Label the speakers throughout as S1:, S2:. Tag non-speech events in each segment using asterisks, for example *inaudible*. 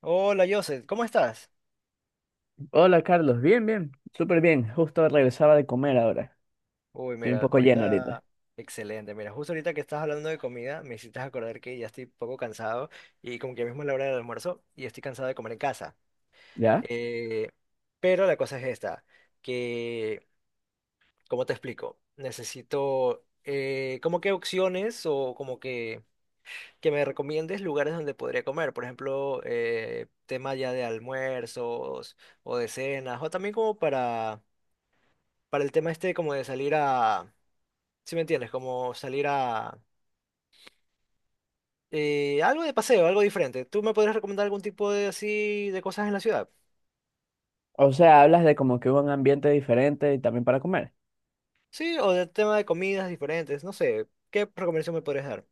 S1: Hola, Joseph, ¿cómo estás?
S2: Hola Carlos, bien, bien, súper bien. Justo regresaba de comer ahora.
S1: Uy,
S2: Estoy un
S1: mira,
S2: poco lleno ahorita.
S1: ahorita, excelente. Mira, justo ahorita que estás hablando de comida, me hiciste acordar que ya estoy un poco cansado y como que mismo es la hora del almuerzo y estoy cansado de comer en casa.
S2: ¿Ya?
S1: Eh, pero la cosa es esta, que, ¿cómo te explico? Necesito como que opciones o como que me recomiendes lugares donde podría comer. Por ejemplo, tema ya de almuerzos o de cenas o también como para el tema este como de salir a si me entiendes, como salir a algo de paseo, algo diferente. ¿Tú me podrías recomendar algún tipo de así de cosas en la ciudad?
S2: O sea, hablas de como que hubo un ambiente diferente y también para comer.
S1: Sí, o del tema de comidas diferentes, no sé, ¿qué recomendación me podrías dar?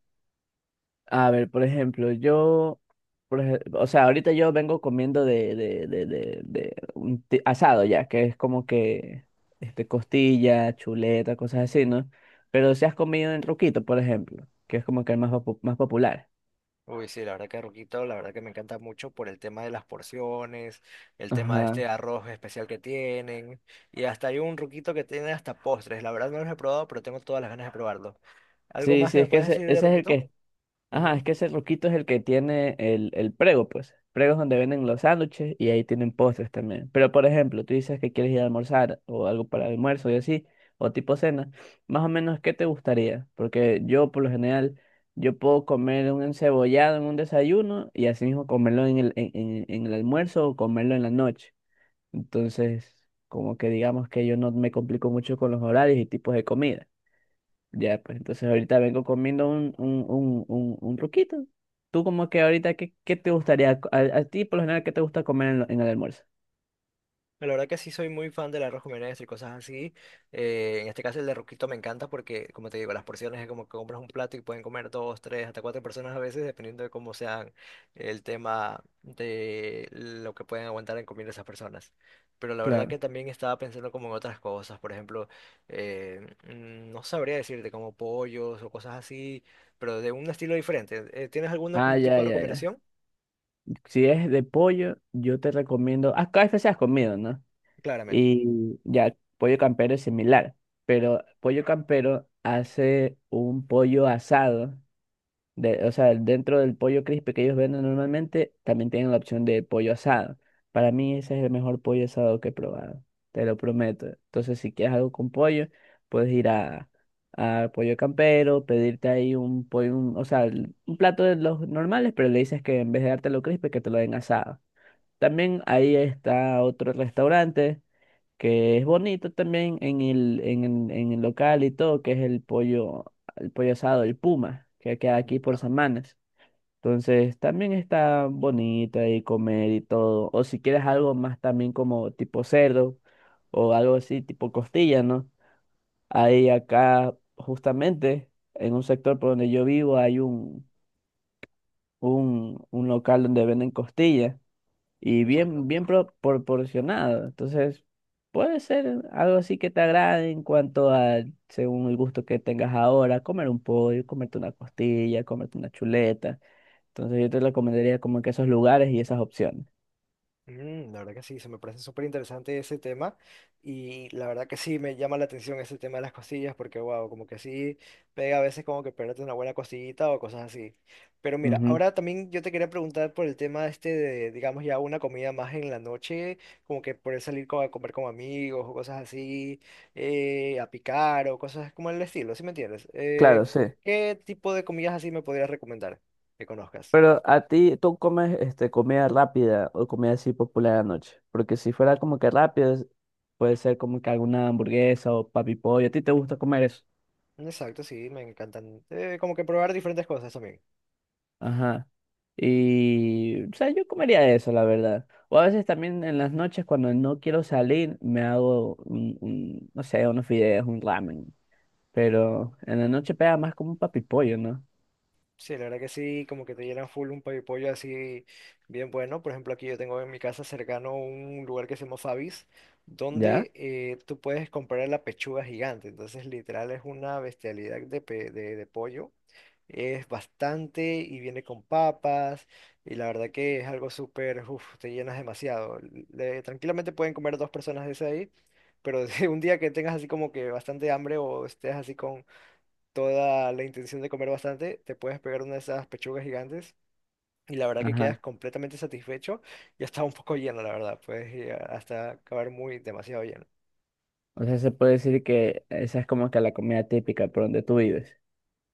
S2: A ver, por ejemplo, yo, o sea, ahorita yo vengo comiendo de un asado ya, que es como que este, costilla, chuleta, cosas así, ¿no? Pero si has comido en Roquito, por ejemplo, que es como que el más popular.
S1: Uy, sí, la verdad que Ruquito, la verdad que me encanta mucho por el tema de las porciones, el tema de
S2: Ajá.
S1: este arroz especial que tienen, y hasta hay un Ruquito que tiene hasta postres. La verdad no los he probado, pero tengo todas las ganas de probarlo. ¿Algo
S2: Sí,
S1: más que
S2: sí,
S1: me
S2: es que
S1: puedes
S2: ese,
S1: decir de
S2: ese es el
S1: Ruquito?
S2: que... Ajá,
S1: Ujú.
S2: es que ese roquito es el que tiene el prego, pues. Prego es donde venden los sándwiches y ahí tienen postres también. Pero, por ejemplo, tú dices que quieres ir a almorzar o algo para almuerzo y así, o tipo cena. Más o menos, ¿qué te gustaría? Porque yo, por lo general, yo puedo comer un encebollado en un desayuno y así mismo comerlo en el almuerzo o comerlo en la noche. Entonces, como que digamos que yo no me complico mucho con los horarios y tipos de comida. Ya, pues entonces ahorita vengo comiendo un truquito. Tú como que ahorita, ¿qué te gustaría? A ti, por lo general, ¿qué te gusta comer en el almuerzo?
S1: La verdad que sí soy muy fan del arroz con menestra y cosas así. En este caso el de Ruquito me encanta porque, como te digo, las porciones es como que compras un plato y pueden comer dos, tres, hasta cuatro personas a veces, dependiendo de cómo sean el tema de lo que pueden aguantar en comer esas personas. Pero la verdad
S2: Claro.
S1: que también estaba pensando como en otras cosas, por ejemplo, no sabría decirte como pollos o cosas así, pero de un estilo diferente. ¿Tienes algún
S2: Ah,
S1: tipo
S2: ya,
S1: de
S2: ya, ya.
S1: recomendación?
S2: Si es de pollo, yo te recomiendo... Ah, KFC has comido, ¿no?
S1: Claramente.
S2: Y ya, pollo campero es similar, pero pollo campero hace un pollo asado o sea, dentro del pollo crispy que ellos venden normalmente, también tienen la opción de pollo asado. Para mí ese es el mejor pollo asado que he probado, te lo prometo. Entonces, si quieres algo con pollo, puedes ir a Pollo Campero, pedirte ahí un pollo, o sea, un plato de los normales, pero le dices que en vez de dártelo crispy, que te lo den asado. También ahí está otro restaurante que es bonito también en el local y todo, que es el pollo asado, el Puma, que queda aquí por
S1: Ya,
S2: San Manes. Entonces también está bonito ahí comer y todo. O si quieres algo más también como tipo cerdo o algo así tipo costilla, ¿no? Ahí acá justamente en un sector por donde yo vivo hay un local donde venden costillas y bien, bien
S1: exacto.
S2: proporcionado. Entonces, puede ser algo así que te agrade en cuanto a, según el gusto que tengas ahora, comer un pollo, comerte una costilla, comerte una chuleta. Entonces, yo te recomendaría como que esos lugares y esas opciones.
S1: Mm, la verdad que sí, se me parece súper interesante ese tema y la verdad que sí me llama la atención ese tema de las costillas porque wow, como que sí pega a veces como que perderte una buena costillita o cosas así. Pero mira,
S2: Ujú,
S1: ahora también yo te quería preguntar por el tema este de, digamos ya una comida más en la noche, como que poder salir co- a comer con amigos o cosas así, a picar o cosas como el estilo, ¿sí me entiendes?
S2: claro, sí.
S1: ¿Qué tipo de comidas así me podrías recomendar que conozcas?
S2: Pero a ti, ¿tú comes este, comida rápida o comida así popular anoche? Porque si fuera como que rápido, puede ser como que alguna hamburguesa o papi pollo. ¿A ti te gusta comer eso?
S1: Exacto, sí, me encantan. Como que probar diferentes cosas también.
S2: Ajá. Y, o sea, yo comería eso, la verdad. O a veces también en las noches cuando no quiero salir, me hago no sé, unos fideos, un ramen. Pero en la noche pega más como un papipollo, ¿no?
S1: Sí, la verdad que sí, como que te llenan full un pollo pollo así bien bueno. Por ejemplo, aquí yo tengo en mi casa cercano un lugar que se llama Fabis,
S2: ¿Ya?
S1: donde tú puedes comprar la pechuga gigante. Entonces, literal, es una bestialidad de, de pollo. Es bastante y viene con papas y la verdad que es algo súper, uff, te llenas demasiado. Tranquilamente pueden comer dos personas de ese ahí, pero *laughs* si un día que tengas así como que bastante hambre o estés así con toda la intención de comer bastante, te puedes pegar una de esas pechugas gigantes y la verdad que
S2: Ajá.
S1: quedas completamente satisfecho y hasta un poco lleno, la verdad. Puedes llegar hasta acabar muy demasiado lleno.
S2: O sea, se puede decir que esa es como que la comida típica por donde tú vives.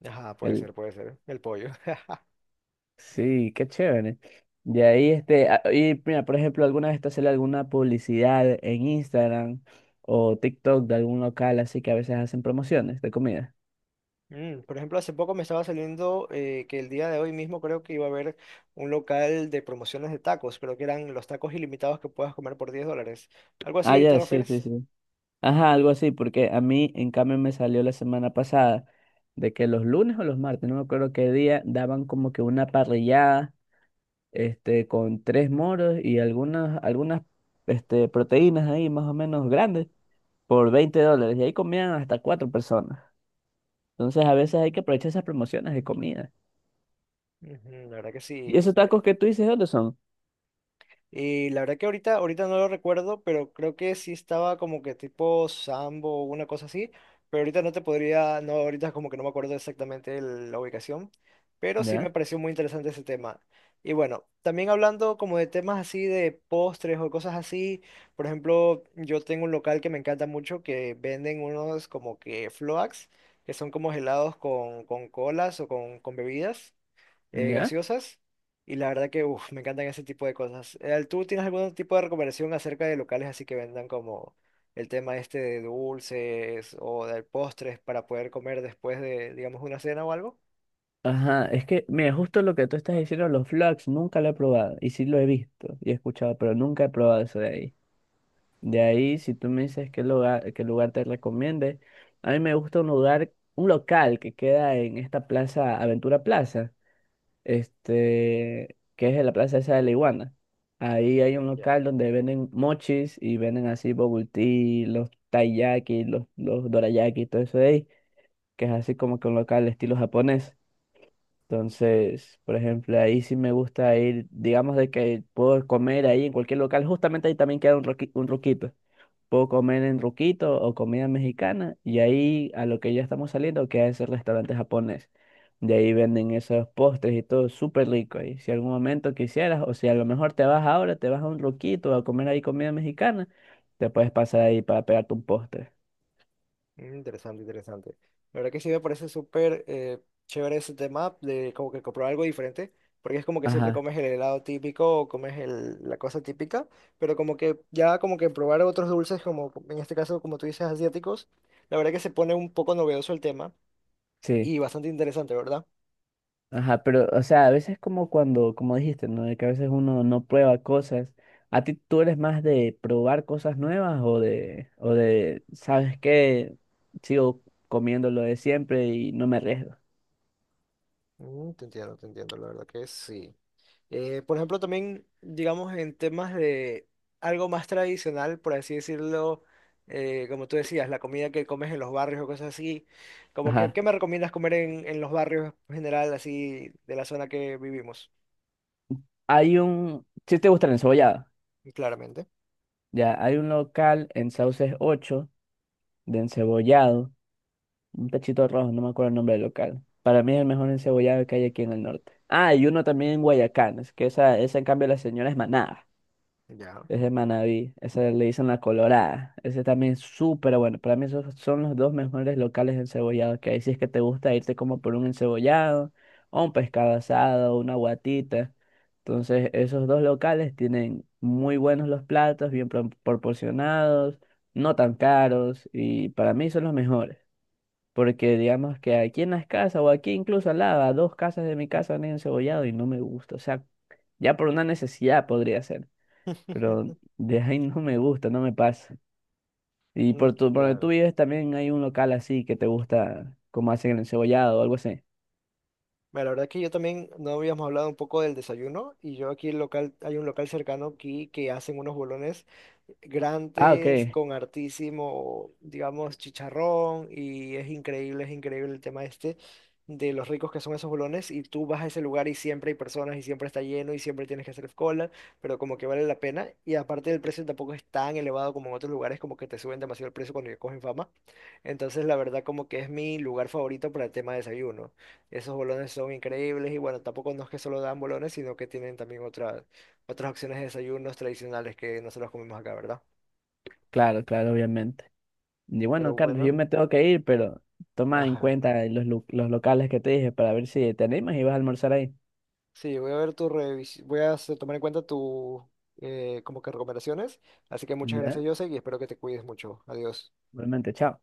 S1: Ajá, puede ser,
S2: El...
S1: puede ser. El pollo. *laughs*
S2: Sí, qué chévere. De ahí, este, y mira, por ejemplo, alguna vez te sale alguna publicidad en Instagram o TikTok de algún local así que a veces hacen promociones de comida.
S1: Mm, por ejemplo, hace poco me estaba saliendo que el día de hoy mismo creo que iba a haber un local de promociones de tacos, creo que eran los tacos ilimitados que puedas comer por $10. ¿Algo
S2: Ah,
S1: así te
S2: ya, sí, sí,
S1: refieres?
S2: sí. Ajá, algo así, porque a mí, en cambio, me salió la semana pasada de que los lunes o los martes, no me acuerdo qué día, daban como que una parrillada, este, con tres moros y este, proteínas ahí más o menos grandes por $20. Y ahí comían hasta cuatro personas. Entonces, a veces hay que aprovechar esas promociones de comida.
S1: Ujú, la verdad que
S2: ¿Y
S1: sí.
S2: esos tacos que tú dices, dónde son?
S1: Y la verdad que ahorita, ahorita no lo recuerdo, pero creo que sí estaba como que tipo Sambo o una cosa así. Pero ahorita no te podría, no, ahorita como que no me acuerdo exactamente la ubicación. Pero sí me
S2: ¿Ya?
S1: pareció muy interesante ese tema. Y bueno, también hablando como de temas así de postres o cosas así. Por ejemplo, yo tengo un local que me encanta mucho que venden unos como que floats, que son como helados con colas o con bebidas
S2: ¿Ya?
S1: gaseosas y la verdad que uf, me encantan ese tipo de cosas. ¿Tú tienes algún tipo de recomendación acerca de locales así que vendan como el tema este de dulces o de postres para poder comer después de, digamos, una cena o algo?
S2: Ajá, es que, mira, justo lo que tú estás diciendo, los flags, nunca lo he probado. Y sí lo he visto y he escuchado, pero nunca he probado eso de ahí. De ahí, si tú me dices qué lugar te recomiende, a mí me gusta un lugar, un local que queda en esta plaza, Aventura Plaza, este, que es en la plaza esa de la Iguana. Ahí hay un
S1: Ujú, ya.
S2: local donde venden mochis y venden así bubble tea, los taiyaki, los dorayaki, todo eso de ahí, que es así como que un local estilo japonés. Entonces, por ejemplo, ahí sí me gusta ir, digamos de que puedo comer ahí en cualquier local, justamente ahí también queda un roquito, puedo comer en Ruquito o comida mexicana y ahí a lo que ya estamos saliendo que es el restaurante japonés. De ahí venden esos postres y todo súper rico. Y si algún momento quisieras, o si a lo mejor te vas ahora, te vas a un Ruquito a comer ahí comida mexicana, te puedes pasar ahí para pegarte un postre.
S1: Mm, interesante, interesante. La verdad que sí me parece súper chévere ese tema de como que comprar algo diferente, porque es como que siempre
S2: Ajá,
S1: comes el helado típico o comes la cosa típica, pero como que ya como que probar otros dulces, como en este caso, como tú dices, asiáticos, la verdad que se pone un poco novedoso el tema
S2: sí.
S1: y bastante interesante, ¿verdad?
S2: Ajá, pero, o sea, a veces como cuando, como dijiste, ¿no? De que a veces uno no prueba cosas. ¿A ti tú eres más de probar cosas nuevas o de, ¿sabes qué? Sigo comiendo lo de siempre y no me arriesgo.
S1: Mm, te entiendo, la verdad que sí. Por ejemplo, también, digamos, en temas de algo más tradicional, por así decirlo, como tú decías, la comida que comes en los barrios o cosas así, como que,
S2: Ajá.
S1: ¿qué me recomiendas comer en los barrios en general, así, de la zona que vivimos?
S2: Hay un, si te gusta el encebollado,
S1: Y claramente.
S2: ya, hay un local en Sauces 8 de encebollado, un tachito rojo, no me acuerdo el nombre del local. Para mí es el mejor encebollado que hay aquí en el norte. Ah, y uno también en Guayacán, es que esa en cambio la señora es manada.
S1: Ya.
S2: Es de Manaví, esa le dicen la Colorada. Ese también es súper bueno. Para mí esos son los dos mejores locales de encebollado que hay. Si es que te gusta irte como por un encebollado, o un pescado asado, una guatita. Entonces, esos dos locales tienen muy buenos los platos, bien proporcionados, no tan caros, y para mí son los mejores. Porque digamos que aquí en las casas, o aquí incluso al lado, a dos casas de mi casa han encebollado y no me gusta. O sea, ya por una necesidad podría ser, pero
S1: *laughs*
S2: de ahí *laughs* no me gusta, no me pasa. Y
S1: Mm,
S2: por donde tú
S1: claro.
S2: vives también hay un local así que te gusta, como hacen el encebollado o algo así.
S1: Mira, la verdad que yo también no habíamos hablado un poco del desayuno y yo aquí el local, hay un local cercano aquí que hacen unos bolones
S2: Ah,
S1: grandes
S2: ok,
S1: con hartísimo, digamos, chicharrón y es increíble el tema este de los ricos que son esos bolones y tú vas a ese lugar y siempre hay personas y siempre está lleno y siempre tienes que hacer cola, pero como que vale la pena y aparte el precio tampoco es tan elevado como en otros lugares, como que te suben demasiado el precio cuando ya cogen fama, entonces la verdad como que es mi lugar favorito para el tema de desayuno. Esos bolones son increíbles y bueno, tampoco no es que solo dan bolones, sino que tienen también otras otras opciones de desayunos tradicionales que no se los comemos acá, ¿verdad?
S2: claro, claro, obviamente. Y
S1: Pero
S2: bueno, Carlos, yo
S1: bueno,
S2: me tengo que ir, pero toma en
S1: ajá.
S2: cuenta los locales que te dije para ver si te animas y vas a almorzar ahí.
S1: Sí, voy a ver tu revisión, voy a tomar en cuenta tu como que recomendaciones. Así que muchas gracias,
S2: ¿Ya?
S1: Jose, y espero que te cuides mucho. Adiós.
S2: Realmente, chao.